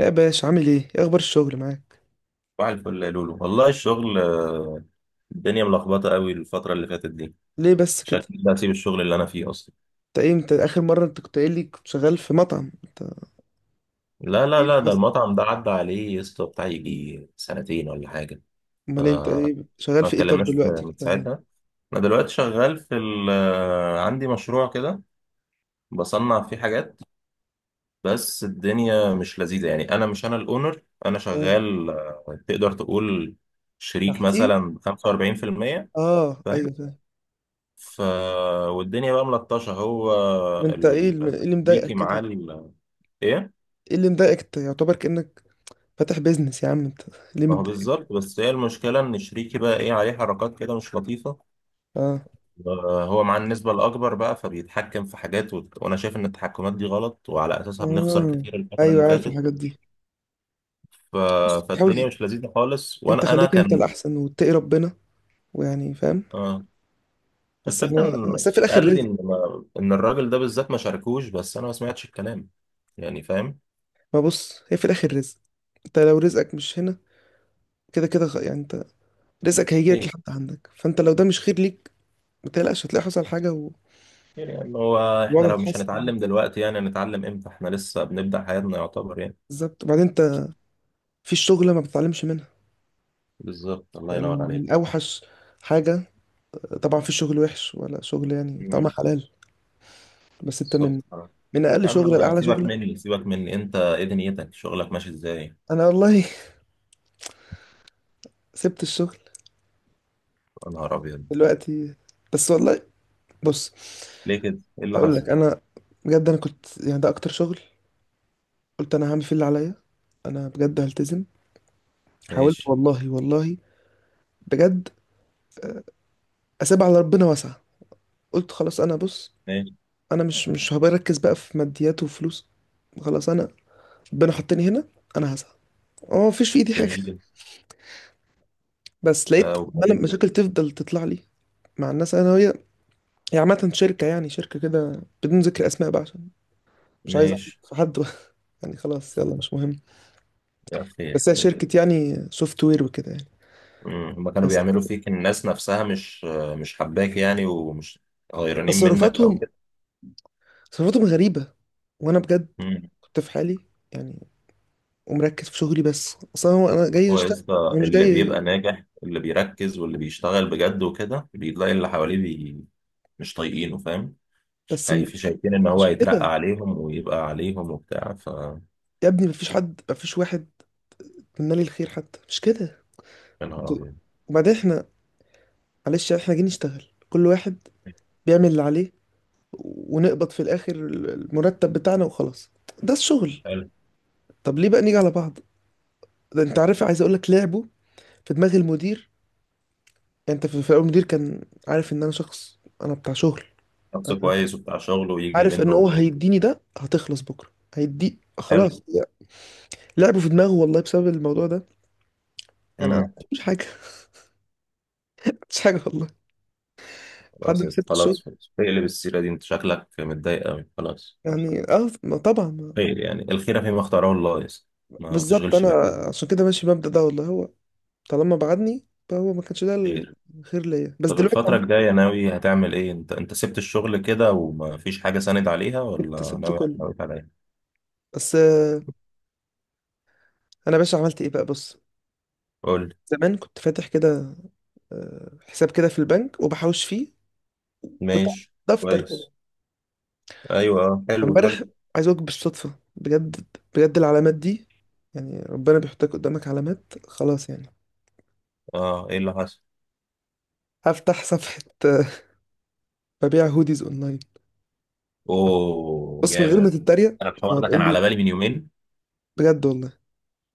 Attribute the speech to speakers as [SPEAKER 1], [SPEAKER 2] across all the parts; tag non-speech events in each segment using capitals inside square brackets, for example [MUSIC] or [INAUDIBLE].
[SPEAKER 1] يا باشا، عامل ايه؟ ايه اخبار الشغل معاك؟
[SPEAKER 2] صباح الفل يا لولو، والله الشغل الدنيا ملخبطة قوي الفترة اللي فاتت دي.
[SPEAKER 1] ليه بس كده؟
[SPEAKER 2] شكلي ده هسيب الشغل اللي أنا فيه أصلا.
[SPEAKER 1] انت ايه، انت اخر مره انت كنت قايل لي كنت شغال في مطعم، انت.
[SPEAKER 2] لا لا
[SPEAKER 1] ايه
[SPEAKER 2] لا،
[SPEAKER 1] اللي
[SPEAKER 2] ده
[SPEAKER 1] حصل؟
[SPEAKER 2] المطعم ده عدى عليه يا اسطى بتاع يجي سنتين ولا حاجة.
[SPEAKER 1] امال انت ايه، شغال
[SPEAKER 2] ما
[SPEAKER 1] في ايه طب
[SPEAKER 2] اتكلمناش
[SPEAKER 1] دلوقتي
[SPEAKER 2] من
[SPEAKER 1] كده؟
[SPEAKER 2] ساعتها. أنا دلوقتي شغال في ال آه، عندي مشروع كده بصنع فيه حاجات. بس الدنيا مش لذيذة، يعني أنا مش، أنا الأونر، أنا
[SPEAKER 1] اه،
[SPEAKER 2] شغال تقدر تقول شريك
[SPEAKER 1] تحتيه.
[SPEAKER 2] مثلا 45%.
[SPEAKER 1] اه ايوه،
[SPEAKER 2] فاهم.
[SPEAKER 1] فاهم.
[SPEAKER 2] ف والدنيا بقى ملطشة، هو
[SPEAKER 1] انت ايه ايه اللي مضايقك
[SPEAKER 2] شريكي معاه
[SPEAKER 1] كده؟
[SPEAKER 2] ايه.
[SPEAKER 1] ايه اللي مضايقك انت؟ يعتبر كانك فاتح بيزنس يا عم انت، ليه
[SPEAKER 2] ما هو
[SPEAKER 1] متضايق؟
[SPEAKER 2] بالظبط، بس هي المشكله ان شريكي بقى ايه عليه حركات كده مش لطيفه.
[SPEAKER 1] اه.
[SPEAKER 2] هو مع النسبه الاكبر بقى، فبيتحكم في حاجات وانا شايف ان التحكمات دي غلط، وعلى اساسها بنخسر
[SPEAKER 1] آه.
[SPEAKER 2] كتير الفتره
[SPEAKER 1] ايوه،
[SPEAKER 2] اللي
[SPEAKER 1] عارف
[SPEAKER 2] فاتت.
[SPEAKER 1] الحاجات دي.
[SPEAKER 2] ف...
[SPEAKER 1] بس
[SPEAKER 2] فالدنيا
[SPEAKER 1] حاول.
[SPEAKER 2] مش لذيذه خالص،
[SPEAKER 1] انت
[SPEAKER 2] وانا
[SPEAKER 1] خليك انت
[SPEAKER 2] كان.
[SPEAKER 1] الاحسن واتقي ربنا، ويعني فاهم.
[SPEAKER 2] آه.
[SPEAKER 1] بس احنا،
[SPEAKER 2] الفكره ان
[SPEAKER 1] بس في الاخر
[SPEAKER 2] قال لي
[SPEAKER 1] رزق.
[SPEAKER 2] ان ما... ان الراجل ده بالذات ما شاركوش، بس انا ما سمعتش الكلام. يعني فاهم.
[SPEAKER 1] ما بص، هي في الاخر رزق. انت لو رزقك مش هنا، كده كده يعني انت رزقك هيجيلك
[SPEAKER 2] خير.
[SPEAKER 1] لحد عندك. فانت لو ده مش خير ليك ما تقلقش، هتلاقي حصل حاجه
[SPEAKER 2] خير يعني، هو احنا
[SPEAKER 1] والوضع
[SPEAKER 2] لو مش
[SPEAKER 1] هيتحسن.
[SPEAKER 2] هنتعلم دلوقتي، يعني هنتعلم امتى؟ احنا لسه بنبدأ حياتنا يعتبر يعني.
[SPEAKER 1] بالظبط. وبعدين انت في الشغل ما بتتعلمش منها؟
[SPEAKER 2] بالظبط، الله
[SPEAKER 1] يعني
[SPEAKER 2] ينور عليك.
[SPEAKER 1] من اوحش حاجه. طبعا في شغل وحش ولا شغل يعني طعمه
[SPEAKER 2] مم.
[SPEAKER 1] حلال، بس انت
[SPEAKER 2] بالظبط
[SPEAKER 1] من
[SPEAKER 2] آه.
[SPEAKER 1] من اقل
[SPEAKER 2] يا
[SPEAKER 1] شغله
[SPEAKER 2] عم
[SPEAKER 1] لاعلى
[SPEAKER 2] سيبك
[SPEAKER 1] شغله.
[SPEAKER 2] مني، سيبك مني، انت ايه دنيتك؟ شغلك ماشي ازاي؟
[SPEAKER 1] انا والله [LAUGHS] سبت الشغل
[SPEAKER 2] يا نهار ابيض.
[SPEAKER 1] دلوقتي، بس والله بص،
[SPEAKER 2] ليه كده؟ ايه اللي
[SPEAKER 1] هقول لك
[SPEAKER 2] حصل؟
[SPEAKER 1] انا. بجد انا كنت، يعني ده اكتر شغل قلت انا هعمل فيه اللي عليا. انا بجد هلتزم، حاولت
[SPEAKER 2] ماشي.
[SPEAKER 1] والله والله بجد. اسيبها على ربنا واسعة. قلت خلاص، انا بص،
[SPEAKER 2] ماشي.
[SPEAKER 1] انا مش هبركز بقى في ماديات وفلوس. خلاص انا، ربنا حطني هنا، انا هسعى. اه، مفيش في ايدي حاجه
[SPEAKER 2] جميل
[SPEAKER 1] [LAUGHS]
[SPEAKER 2] جدا.
[SPEAKER 1] بس لقيت عمال
[SPEAKER 2] وبعدين.
[SPEAKER 1] مشاكل تفضل تطلع لي مع الناس، انا وهي. هي عامه شركه، يعني شركه كده بدون ذكر اسماء بقى، عشان مش عايز أعرف
[SPEAKER 2] ماشي.
[SPEAKER 1] في حد بقى. [LAUGHS] يعني خلاص، يلا مش مهم.
[SPEAKER 2] يا اخي.
[SPEAKER 1] بس هي شركه يعني سوفت وير وكده يعني.
[SPEAKER 2] مم. هما كانوا
[SPEAKER 1] بس
[SPEAKER 2] بيعملوا فيك الناس نفسها؟ مش حباك يعني؟ ومش غيرانين منك او
[SPEAKER 1] تصرفاتهم،
[SPEAKER 2] كده.
[SPEAKER 1] تصرفاتهم غريبه، وانا بجد
[SPEAKER 2] مم.
[SPEAKER 1] كنت في حالي، يعني ومركز في شغلي، بس اصلا هو انا جاي
[SPEAKER 2] هو يا
[SPEAKER 1] اشتغل،
[SPEAKER 2] اسطى،
[SPEAKER 1] انا مش
[SPEAKER 2] اللي
[SPEAKER 1] جاي.
[SPEAKER 2] بيبقى ناجح، اللي بيركز واللي بيشتغل بجد وكده، بيلاقي اللي حواليه مش طايقينه، فاهم. مش
[SPEAKER 1] بس
[SPEAKER 2] خايف شايفين ان هو
[SPEAKER 1] مش كده.
[SPEAKER 2] هيترقى عليهم ويبقى عليهم وبتاع،
[SPEAKER 1] يا ابني مفيش حد، مفيش واحد منا لي الخير، حتى مش كده.
[SPEAKER 2] يا نهار
[SPEAKER 1] انتوا-
[SPEAKER 2] ابيض.
[SPEAKER 1] وبعدين احنا، معلش، احنا جايين نشتغل، كل واحد بيعمل اللي عليه ونقبض في الاخر المرتب بتاعنا وخلاص. ده الشغل.
[SPEAKER 2] حلو.
[SPEAKER 1] طب ليه بقى نيجي على بعض؟ ده انت عارف، عايز اقول لك لعبه في دماغ المدير. يعني انت في الاول المدير كان عارف ان انا شخص، انا بتاع شغل.
[SPEAKER 2] شخص
[SPEAKER 1] انا
[SPEAKER 2] كويس وبتاع شغله ويجي
[SPEAKER 1] عارف ان
[SPEAKER 2] منه
[SPEAKER 1] هو
[SPEAKER 2] بتاع.
[SPEAKER 1] هيديني ده، هتخلص بكره هيدي،
[SPEAKER 2] حلو.
[SPEAKER 1] خلاص يعني. لعبه في دماغه والله بسبب الموضوع ده. يعني انا
[SPEAKER 2] امم.
[SPEAKER 1] مش حاجه [LAUGHS] مش حاجه والله. لحد
[SPEAKER 2] خلاص
[SPEAKER 1] ما
[SPEAKER 2] يا اسطى،
[SPEAKER 1] سبت الشغل،
[SPEAKER 2] خلاص خلاص، اقلب السيره دي، انت شكلك متضايق قوي، خلاص خلاص.
[SPEAKER 1] يعني اه، ما طبعا
[SPEAKER 2] خير يعني الخير فيما اختاره الله يا اسطى. ما
[SPEAKER 1] بالظبط.
[SPEAKER 2] تشغلش
[SPEAKER 1] انا
[SPEAKER 2] بالك.
[SPEAKER 1] عشان كده ماشي بمبدأ ده والله، هو طالما بعدني فهو ما كانش ده
[SPEAKER 2] خير.
[SPEAKER 1] الخير ليا، بس
[SPEAKER 2] طب
[SPEAKER 1] دلوقتي
[SPEAKER 2] الفترة
[SPEAKER 1] عملت.
[SPEAKER 2] الجاية ناوي هتعمل ايه؟ انت سبت الشغل كده وما فيش حاجة ساند عليها،
[SPEAKER 1] سبت،
[SPEAKER 2] ولا
[SPEAKER 1] سبت
[SPEAKER 2] ناوي
[SPEAKER 1] كله،
[SPEAKER 2] ناوي على ايه؟
[SPEAKER 1] بس انا باشا عملت ايه بقى، بص.
[SPEAKER 2] قول.
[SPEAKER 1] زمان كنت فاتح كده، حساب كده في البنك وبحوش فيه. كنت عامل
[SPEAKER 2] ماشي.
[SPEAKER 1] دفتر كده.
[SPEAKER 2] كويس. ايوه اه، حلو
[SPEAKER 1] امبارح
[SPEAKER 2] حلو.
[SPEAKER 1] عايز اقولك، بالصدفة بجد، بجد العلامات دي، يعني ربنا بيحطك قدامك علامات، خلاص يعني.
[SPEAKER 2] اه، ايه اللي حصل؟
[SPEAKER 1] هفتح صفحة [LAUGHS] ببيع هوديز اونلاين.
[SPEAKER 2] اوه
[SPEAKER 1] بص من غير ما
[SPEAKER 2] جامد.
[SPEAKER 1] تتريق،
[SPEAKER 2] انا الحوار ده
[SPEAKER 1] هتقول
[SPEAKER 2] كان على
[SPEAKER 1] لي
[SPEAKER 2] بالي من يومين.
[SPEAKER 1] بجد والله.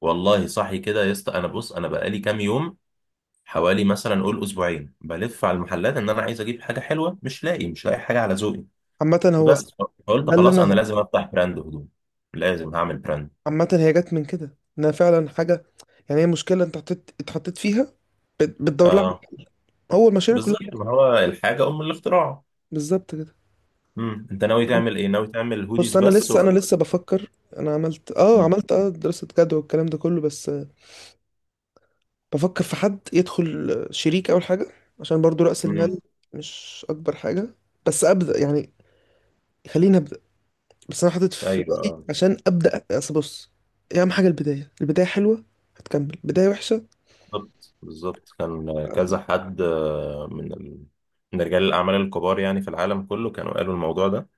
[SPEAKER 2] والله صحي كده يا اسطى، انا بص انا بقالي كام يوم، حوالي مثلا قول اسبوعين بلف على المحلات ان انا عايز اجيب حاجه حلوه، مش لاقي، مش لاقي حاجه على ذوقي.
[SPEAKER 1] عامة هو
[SPEAKER 2] بس. فقلت
[SPEAKER 1] ده اللي
[SPEAKER 2] خلاص انا
[SPEAKER 1] انا،
[SPEAKER 2] لازم افتح براند هدوم، لازم هعمل براند.
[SPEAKER 1] عامة هي جت من كده ان انا فعلا حاجة، يعني هي مشكلة انت اتحطيت فيها، بتدور لها.
[SPEAKER 2] اه.
[SPEAKER 1] هو المشاريع كلها
[SPEAKER 2] بالظبط،
[SPEAKER 1] كده.
[SPEAKER 2] ما هو الحاجه ام الاختراع.
[SPEAKER 1] بالظبط كده.
[SPEAKER 2] امم، انت ناوي تعمل ايه؟ ناوي تعمل
[SPEAKER 1] بص
[SPEAKER 2] هوديز
[SPEAKER 1] انا
[SPEAKER 2] بس
[SPEAKER 1] لسه
[SPEAKER 2] ولا؟
[SPEAKER 1] انا لسه بفكر. انا عملت اه
[SPEAKER 2] امم.
[SPEAKER 1] عملت اه دراسة جدوى والكلام ده كله، بس بفكر في حد يدخل شريك اول حاجة، عشان برضو رأس
[SPEAKER 2] أمم.
[SPEAKER 1] المال مش اكبر حاجة، بس ابدأ يعني، خليني ابدأ. بس انا حاطط في
[SPEAKER 2] ايوه
[SPEAKER 1] بالي
[SPEAKER 2] آه.
[SPEAKER 1] عشان ابدأ، اصل بص، إيه اهم حاجة؟ البداية. البداية حلوة هتكمل، بداية وحشة.
[SPEAKER 2] بالظبط بالظبط، كان كذا حد من رجال الأعمال الكبار يعني في العالم كله كانوا قالوا الموضوع ده،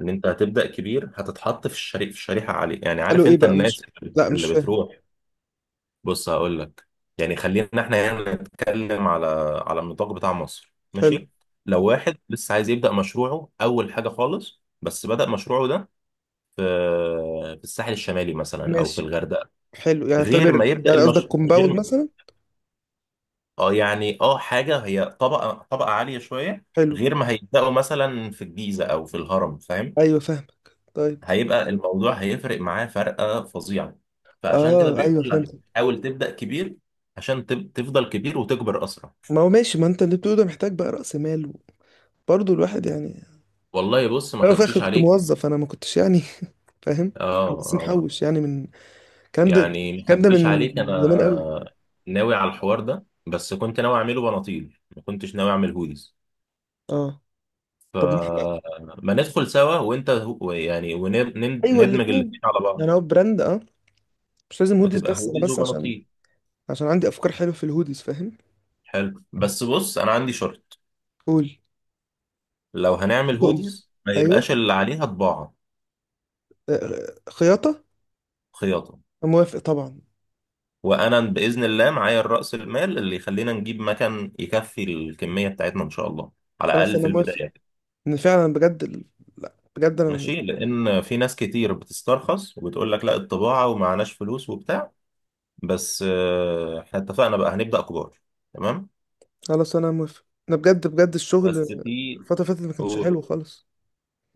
[SPEAKER 2] إن أنت هتبدأ كبير هتتحط في الشريحة عالية، يعني
[SPEAKER 1] قالوا
[SPEAKER 2] عارف
[SPEAKER 1] ايه
[SPEAKER 2] أنت
[SPEAKER 1] بقى؟
[SPEAKER 2] الناس
[SPEAKER 1] مش لا، مش
[SPEAKER 2] اللي
[SPEAKER 1] فاهم.
[SPEAKER 2] بتروح. بص هقول لك، يعني خلينا إحنا هنا نتكلم على النطاق بتاع مصر،
[SPEAKER 1] حلو.
[SPEAKER 2] ماشي. لو واحد لسه عايز يبدأ مشروعه أول حاجة خالص، بس بدأ مشروعه ده في الساحل الشمالي مثلا أو في
[SPEAKER 1] ماشي،
[SPEAKER 2] الغردقة.
[SPEAKER 1] حلو يعني،
[SPEAKER 2] غير
[SPEAKER 1] اعتبر.
[SPEAKER 2] ما يبدأ
[SPEAKER 1] يعني
[SPEAKER 2] المش...
[SPEAKER 1] قصدك كومباوند
[SPEAKER 2] غير،
[SPEAKER 1] مثلا.
[SPEAKER 2] اه يعني اه، حاجة هي طبقة عالية شوية.
[SPEAKER 1] حلو.
[SPEAKER 2] غير ما هيبدأوا مثلا في الجيزة أو في الهرم، فاهم.
[SPEAKER 1] ايوه فاهمك، طيب.
[SPEAKER 2] هيبقى الموضوع، هيفرق معاه فرقة فظيعة. فعشان كده
[SPEAKER 1] اه
[SPEAKER 2] بيقول
[SPEAKER 1] ايوه
[SPEAKER 2] لك
[SPEAKER 1] فهمت.
[SPEAKER 2] حاول تبدأ كبير، عشان تفضل كبير وتكبر أسرع.
[SPEAKER 1] ما هو ماشي، ما انت اللي بتقوله ده محتاج بقى رأس مال، برضه الواحد يعني.
[SPEAKER 2] والله بص، ما
[SPEAKER 1] انا في الاخر
[SPEAKER 2] خبيش
[SPEAKER 1] كنت
[SPEAKER 2] عليك.
[SPEAKER 1] موظف، انا ما كنتش يعني [LAUGHS] فاهم.
[SPEAKER 2] اه
[SPEAKER 1] بس
[SPEAKER 2] اه.
[SPEAKER 1] محوش يعني من الكلام ده،
[SPEAKER 2] يعني ما
[SPEAKER 1] الكلام ده
[SPEAKER 2] خبيش
[SPEAKER 1] من
[SPEAKER 2] عليك، أنا
[SPEAKER 1] زمان قوي.
[SPEAKER 2] ناوي على الحوار ده، بس كنت ناوي أعمله بناطيل، ما كنتش ناوي أعمل هوديز.
[SPEAKER 1] اه، طب ما
[SPEAKER 2] فما ندخل سوا، وأنت يعني
[SPEAKER 1] ايوه،
[SPEAKER 2] وندمج الاتنين
[SPEAKER 1] الاثنين.
[SPEAKER 2] على بعض.
[SPEAKER 1] يعني هو براند، مش لازم هوديز،
[SPEAKER 2] وتبقى
[SPEAKER 1] بس انا،
[SPEAKER 2] هوديز
[SPEAKER 1] بس عشان
[SPEAKER 2] وبناطيل.
[SPEAKER 1] عشان عندي افكار حلوه في الهوديز، فاهم.
[SPEAKER 2] حلو، بس بص انا عندي شرط.
[SPEAKER 1] قول.
[SPEAKER 2] لو هنعمل
[SPEAKER 1] تؤمر.
[SPEAKER 2] هوديز ما يبقاش
[SPEAKER 1] ايوه.
[SPEAKER 2] اللي عليها طباعة،
[SPEAKER 1] خياطه.
[SPEAKER 2] خياطة.
[SPEAKER 1] أنا موافق طبعا.
[SPEAKER 2] وانا باذن الله معايا الرأس المال اللي يخلينا نجيب مكان يكفي الكمية بتاعتنا ان شاء الله، على
[SPEAKER 1] خلاص
[SPEAKER 2] الاقل في
[SPEAKER 1] انا موافق
[SPEAKER 2] البداية.
[SPEAKER 1] ان فعلا بجد لا بجد انا،
[SPEAKER 2] ماشي، لان في ناس كتير بتسترخص وبتقول لك لا، الطباعة ومعناش فلوس وبتاع. بس احنا اتفقنا بقى، هنبدأ كبار. تمام.
[SPEAKER 1] خلاص انا موافق. انا بجد بجد، الشغل
[SPEAKER 2] بس في
[SPEAKER 1] الفترة اللي فاتت ما كانش
[SPEAKER 2] و-
[SPEAKER 1] حلو خالص.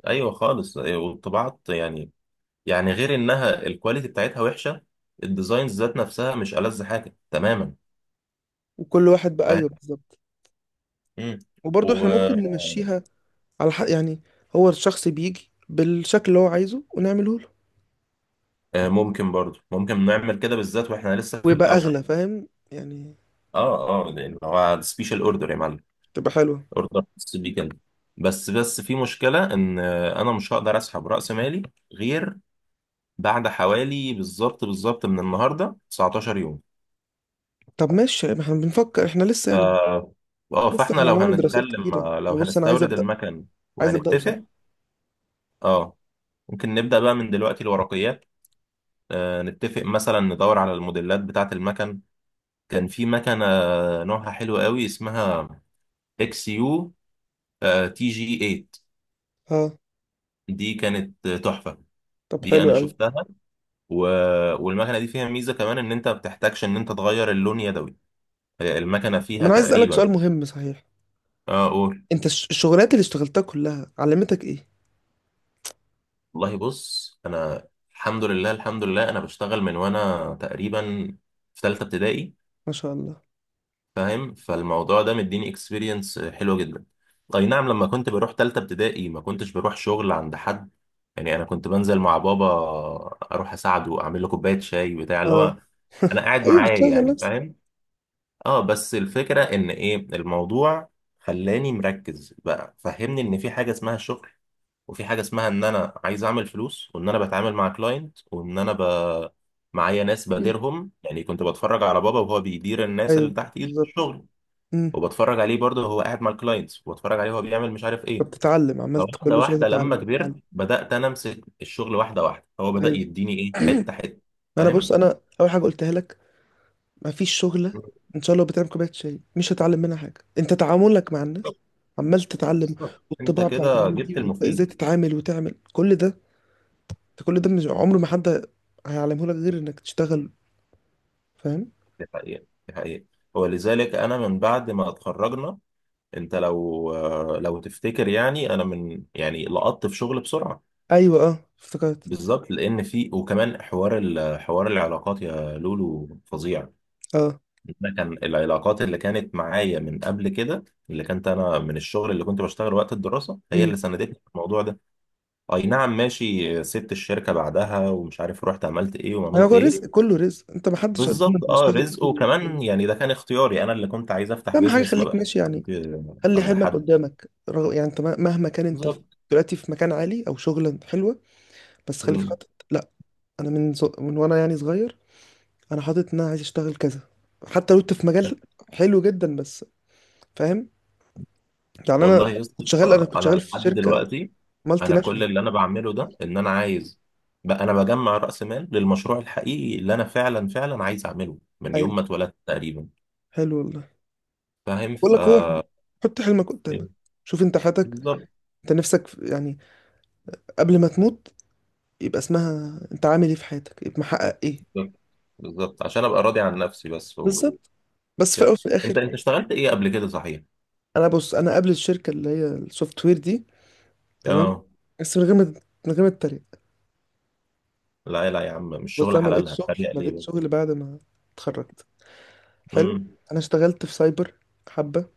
[SPEAKER 2] ايوه خالص، أيوه، والطباعة يعني، يعني غير انها الكواليتي بتاعتها وحشه، الديزاينز ذات نفسها مش ألذ حاجه تماما،
[SPEAKER 1] وكل واحد بقى،
[SPEAKER 2] فاهم.
[SPEAKER 1] ايوه بالظبط.
[SPEAKER 2] مم.
[SPEAKER 1] وبرضه احنا ممكن
[SPEAKER 2] وممكن،
[SPEAKER 1] نمشيها على حق يعني، هو الشخص بيجي بالشكل اللي هو عايزه ونعمله له
[SPEAKER 2] برضو ممكن نعمل كده، بالذات واحنا لسه في
[SPEAKER 1] ويبقى
[SPEAKER 2] الاول.
[SPEAKER 1] اغلى، فاهم يعني.
[SPEAKER 2] اه اه، لان هو سبيشال اوردر يا معلم،
[SPEAKER 1] تبقى حلوة.
[SPEAKER 2] اوردر خاص بيه كده. بس في مشكله ان انا مش هقدر اسحب راس مالي، غير بعد حوالي بالظبط بالظبط من النهارده 19 يوم.
[SPEAKER 1] طب ماشي، ما احنا بنفكر، احنا لسه يعني،
[SPEAKER 2] ف اه،
[SPEAKER 1] لسه
[SPEAKER 2] فاحنا
[SPEAKER 1] احنا
[SPEAKER 2] لو
[SPEAKER 1] هنعمل دراسات
[SPEAKER 2] هنتكلم
[SPEAKER 1] كتيرة.
[SPEAKER 2] لو
[SPEAKER 1] أنا بص، انا عايز
[SPEAKER 2] هنستورد
[SPEAKER 1] ابدا،
[SPEAKER 2] المكن
[SPEAKER 1] عايز ابداه
[SPEAKER 2] وهنتفق.
[SPEAKER 1] صح.
[SPEAKER 2] اه ممكن نبدأ بقى من دلوقتي الورقيات. آه نتفق مثلا، ندور على الموديلات بتاعة المكن. كان في مكنة نوعها حلو قوي، اسمها اكس يو تي جي 8.
[SPEAKER 1] ها.
[SPEAKER 2] دي كانت تحفة.
[SPEAKER 1] طب
[SPEAKER 2] دي
[SPEAKER 1] حلو
[SPEAKER 2] انا
[SPEAKER 1] قوي.
[SPEAKER 2] شفتها. و... والمكنة دي فيها ميزة كمان، ان انت ما بتحتاجش ان انت تغير اللون يدوي. المكنة
[SPEAKER 1] طب
[SPEAKER 2] فيها
[SPEAKER 1] انا عايز اسالك
[SPEAKER 2] تقريبا.
[SPEAKER 1] سؤال مهم صحيح.
[SPEAKER 2] اه قول.
[SPEAKER 1] انت الشغلات اللي اشتغلتها كلها علمتك ايه؟
[SPEAKER 2] والله بص، انا الحمد لله الحمد لله، انا بشتغل من وانا تقريبا في ثالثة ابتدائي.
[SPEAKER 1] ما شاء الله.
[SPEAKER 2] فاهم، فالموضوع ده مديني اكسبيرينس حلوه جدا. اي نعم، لما كنت بروح تالتة ابتدائي ما كنتش بروح شغل عند حد، يعني انا كنت بنزل مع بابا، اروح اساعده، اعمل له كوبايه شاي بتاع، اللي
[SPEAKER 1] اه
[SPEAKER 2] هو انا قاعد
[SPEAKER 1] ايوه،
[SPEAKER 2] معاه
[SPEAKER 1] بتشغل
[SPEAKER 2] يعني،
[SPEAKER 1] نفسك.
[SPEAKER 2] فاهم. اه، بس الفكره ان ايه الموضوع، خلاني مركز بقى، فهمني ان في حاجه اسمها الشغل، وفي حاجه اسمها ان انا عايز اعمل فلوس، وان انا بتعامل مع كلاينت، وان انا معايا ناس
[SPEAKER 1] مم.
[SPEAKER 2] بديرهم، يعني كنت بتفرج على بابا وهو بيدير الناس اللي
[SPEAKER 1] ايوه
[SPEAKER 2] تحت ايده في
[SPEAKER 1] بالظبط.
[SPEAKER 2] الشغل،
[SPEAKER 1] امم.
[SPEAKER 2] وبتفرج عليه برضه هو قاعد مع الكلاينتس، وبتفرج عليه هو بيعمل مش عارف ايه.
[SPEAKER 1] فبتتعلم، عملت
[SPEAKER 2] فواحده
[SPEAKER 1] كل شويه
[SPEAKER 2] واحده لما
[SPEAKER 1] تتعلم،
[SPEAKER 2] كبرت
[SPEAKER 1] تتعلم.
[SPEAKER 2] بدات انا امسك الشغل، واحده واحده هو بدا
[SPEAKER 1] ايوه،
[SPEAKER 2] يديني ايه، حته حته،
[SPEAKER 1] ما انا
[SPEAKER 2] فاهم.
[SPEAKER 1] بص، انا اول حاجه قلتها لك، ما فيش شغله ان شاء الله بتعمل كوبايه شاي مش هتعلم منها حاجه. انت تعاملك مع الناس
[SPEAKER 2] بالظبط
[SPEAKER 1] عمال تتعلم،
[SPEAKER 2] بالظبط. انت
[SPEAKER 1] والطباع بتاعت
[SPEAKER 2] كده
[SPEAKER 1] الناس دي،
[SPEAKER 2] جبت
[SPEAKER 1] وإنت ازاي
[SPEAKER 2] المفيد.
[SPEAKER 1] تتعامل وتعمل كل ده. انت كل ده مش عمره ما حد هيعلمه لك غير انك تشتغل. فاهم.
[SPEAKER 2] دي حقيقه، دي حقيقه. ولذلك انا من بعد ما اتخرجنا، انت لو تفتكر، يعني انا من يعني لقطت في شغل بسرعه.
[SPEAKER 1] ايوه اه، افتكرت.
[SPEAKER 2] بالظبط، لان في وكمان حوار حوار العلاقات يا لولو فظيع.
[SPEAKER 1] اه،
[SPEAKER 2] أنا كان العلاقات اللي كانت معايا من قبل كده، اللي كانت انا من الشغل اللي كنت بشتغل وقت الدراسه، هي اللي ساندتني في الموضوع ده. اي نعم ماشي، سبت الشركه بعدها، ومش عارف رحت عملت ايه وما عملت
[SPEAKER 1] هو رزق،
[SPEAKER 2] ايه.
[SPEAKER 1] كله رزق، انت ما حدش
[SPEAKER 2] بالظبط،
[SPEAKER 1] قدامك
[SPEAKER 2] اه
[SPEAKER 1] بيشتغل
[SPEAKER 2] رزق،
[SPEAKER 1] كتير.
[SPEAKER 2] وكمان يعني ده كان اختياري، انا اللي كنت عايز افتح
[SPEAKER 1] اهم حاجه
[SPEAKER 2] بيزنس، ما
[SPEAKER 1] خليك
[SPEAKER 2] بقاش
[SPEAKER 1] ماشي
[SPEAKER 2] عارف
[SPEAKER 1] يعني، خلي
[SPEAKER 2] عند
[SPEAKER 1] حلمك
[SPEAKER 2] حد.
[SPEAKER 1] قدامك، يعني انت مهما كان انت
[SPEAKER 2] بالظبط.
[SPEAKER 1] دلوقتي في مكان عالي او شغلة حلوه، بس خليك
[SPEAKER 2] مم.
[SPEAKER 1] حاطط. لا، انا من وانا يعني صغير انا حاطط ان انا عايز اشتغل كذا، حتى لو انت في مجال حلو جدا، بس فاهم يعني. انا
[SPEAKER 2] والله يا اسطى،
[SPEAKER 1] كنت شغال انا كنت
[SPEAKER 2] انا
[SPEAKER 1] شغال في
[SPEAKER 2] لحد
[SPEAKER 1] شركه
[SPEAKER 2] دلوقتي،
[SPEAKER 1] مالتي
[SPEAKER 2] انا كل
[SPEAKER 1] ناشونال.
[SPEAKER 2] اللي انا بعمله ده ان انا عايز بقى، انا بجمع راس مال للمشروع الحقيقي اللي انا فعلا فعلا عايز اعمله من يوم
[SPEAKER 1] ايوه،
[SPEAKER 2] ما اتولدت تقريبا.
[SPEAKER 1] حلو والله.
[SPEAKER 2] فاهم
[SPEAKER 1] بقول لك، هو حط حلمك قدامك، شوف انت حياتك،
[SPEAKER 2] بالظبط
[SPEAKER 1] انت نفسك يعني قبل ما تموت يبقى اسمها انت عامل ايه في حياتك، يبقى محقق ايه.
[SPEAKER 2] بالظبط. بالظبط. عشان ابقى راضي عن نفسي بس وكده.
[SPEAKER 1] بالظبط. بس في الاول وفي
[SPEAKER 2] انت
[SPEAKER 1] الاخر.
[SPEAKER 2] انت اشتغلت ايه قبل كده، صحيح.
[SPEAKER 1] انا بص، انا قبل الشركه اللي هي السوفت وير دي، تمام،
[SPEAKER 2] اه.
[SPEAKER 1] بس من غير ما اتريق،
[SPEAKER 2] لا لا يا عم، مش
[SPEAKER 1] بص
[SPEAKER 2] شغل
[SPEAKER 1] انا ما
[SPEAKER 2] حلال
[SPEAKER 1] لقيتش شغل،
[SPEAKER 2] هتريق
[SPEAKER 1] ما
[SPEAKER 2] ليه
[SPEAKER 1] لقيتش
[SPEAKER 2] بس.
[SPEAKER 1] شغل بعد ما اتخرجت. حلو.
[SPEAKER 2] امم.
[SPEAKER 1] انا اشتغلت في سايبر حبه،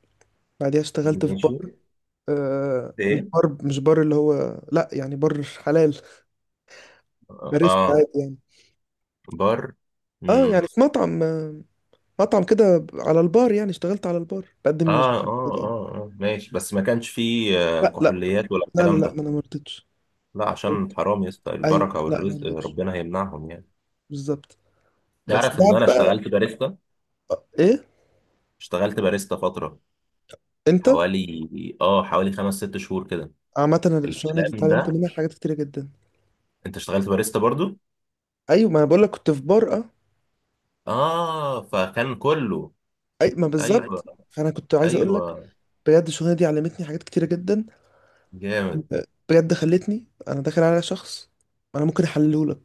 [SPEAKER 1] بعديها اشتغلت في
[SPEAKER 2] ماشي.
[SPEAKER 1] بار. مش
[SPEAKER 2] ايه.
[SPEAKER 1] بار، مش بار اللي هو، لا يعني بار حلال، باريستا
[SPEAKER 2] اه.
[SPEAKER 1] عادي يعني.
[SPEAKER 2] بار.
[SPEAKER 1] اه يعني في مطعم، مطعم كده على البار، يعني اشتغلت على البار بقدم
[SPEAKER 2] اه اه،
[SPEAKER 1] مشاكل كده يعني.
[SPEAKER 2] اه اه ماشي، بس ما كانش فيه
[SPEAKER 1] لا لا
[SPEAKER 2] كحوليات ولا
[SPEAKER 1] لا لا
[SPEAKER 2] الكلام
[SPEAKER 1] لا،
[SPEAKER 2] ده.
[SPEAKER 1] ما انا ما رضيتش.
[SPEAKER 2] لا، عشان حرام يا اسطى، البركه
[SPEAKER 1] ايوه لا، ما
[SPEAKER 2] والرزق
[SPEAKER 1] رضيتش.
[SPEAKER 2] ربنا هيمنعهم يعني.
[SPEAKER 1] بالظبط. بس
[SPEAKER 2] تعرف ان
[SPEAKER 1] بعد
[SPEAKER 2] انا
[SPEAKER 1] بقى،
[SPEAKER 2] اشتغلت باريستا،
[SPEAKER 1] ايه
[SPEAKER 2] اشتغلت باريستا فتره
[SPEAKER 1] انت.
[SPEAKER 2] حوالي، اه حوالي خمس ست شهور كده.
[SPEAKER 1] عامه الشغلانه دي
[SPEAKER 2] الكلام
[SPEAKER 1] اتعلمت
[SPEAKER 2] ده.
[SPEAKER 1] منها حاجات كتيره جدا.
[SPEAKER 2] انت اشتغلت باريستا برضو.
[SPEAKER 1] ايوه، ما انا بقول لك كنت في بار، اه.
[SPEAKER 2] اه، فكان كله.
[SPEAKER 1] اي ما بالظبط.
[SPEAKER 2] ايوه.
[SPEAKER 1] فانا كنت عايز اقول لك
[SPEAKER 2] ايوه.
[SPEAKER 1] بجد، الشغلانه دي علمتني حاجات كتيره جدا.
[SPEAKER 2] جامد.
[SPEAKER 1] بجد خلتني انا داخل على شخص، انا ممكن احلله لك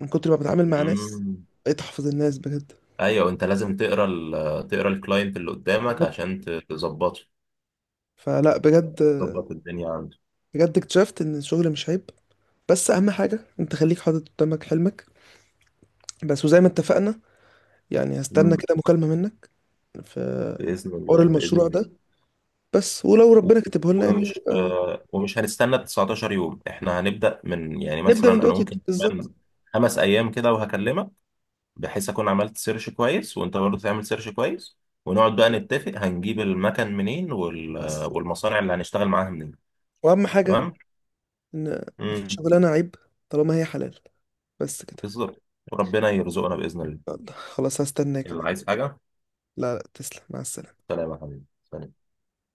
[SPEAKER 1] من كتر ما بتعامل مع ناس.
[SPEAKER 2] مم.
[SPEAKER 1] بقيت احفظ الناس بجد.
[SPEAKER 2] ايوه، انت لازم تقرا تقرا الكلاينت اللي قدامك
[SPEAKER 1] بالظبط.
[SPEAKER 2] عشان تظبطه.
[SPEAKER 1] فلا بجد،
[SPEAKER 2] تظبط الدنيا عنده.
[SPEAKER 1] بجد اكتشفت ان الشغل مش عيب، بس اهم حاجه انت خليك حاطط قدامك حلمك، بس. وزي ما اتفقنا يعني، هستنى
[SPEAKER 2] مم.
[SPEAKER 1] كده مكالمه منك. ف
[SPEAKER 2] بإذن
[SPEAKER 1] حوار
[SPEAKER 2] الله بإذن
[SPEAKER 1] المشروع
[SPEAKER 2] الله.
[SPEAKER 1] ده، بس ولو ربنا كتبه لنا يعني.
[SPEAKER 2] ومش ومش هنستنى 19 يوم، احنا هنبدأ من يعني
[SPEAKER 1] نبدأ
[SPEAKER 2] مثلا
[SPEAKER 1] من
[SPEAKER 2] انا
[SPEAKER 1] دلوقتي
[SPEAKER 2] ممكن
[SPEAKER 1] بالظبط.
[SPEAKER 2] كمان خمس ايام كده وهكلمك. بحيث اكون عملت سيرش كويس، وانت برضه تعمل سيرش كويس. ونقعد بقى نتفق، هنجيب المكان منين،
[SPEAKER 1] بس
[SPEAKER 2] والمصانع اللي هنشتغل معاها منين.
[SPEAKER 1] وأهم حاجة
[SPEAKER 2] تمام.
[SPEAKER 1] إن مفيش
[SPEAKER 2] امم.
[SPEAKER 1] شغلانة عيب طالما هي حلال، بس كده.
[SPEAKER 2] بالظبط، وربنا يرزقنا بإذن الله.
[SPEAKER 1] يلا، خلاص هستناك يا
[SPEAKER 2] يلا
[SPEAKER 1] باشا.
[SPEAKER 2] عايز حاجة؟
[SPEAKER 1] لا لا، تسلم، مع السلامة.
[SPEAKER 2] سلام يا حبيبي، سلام.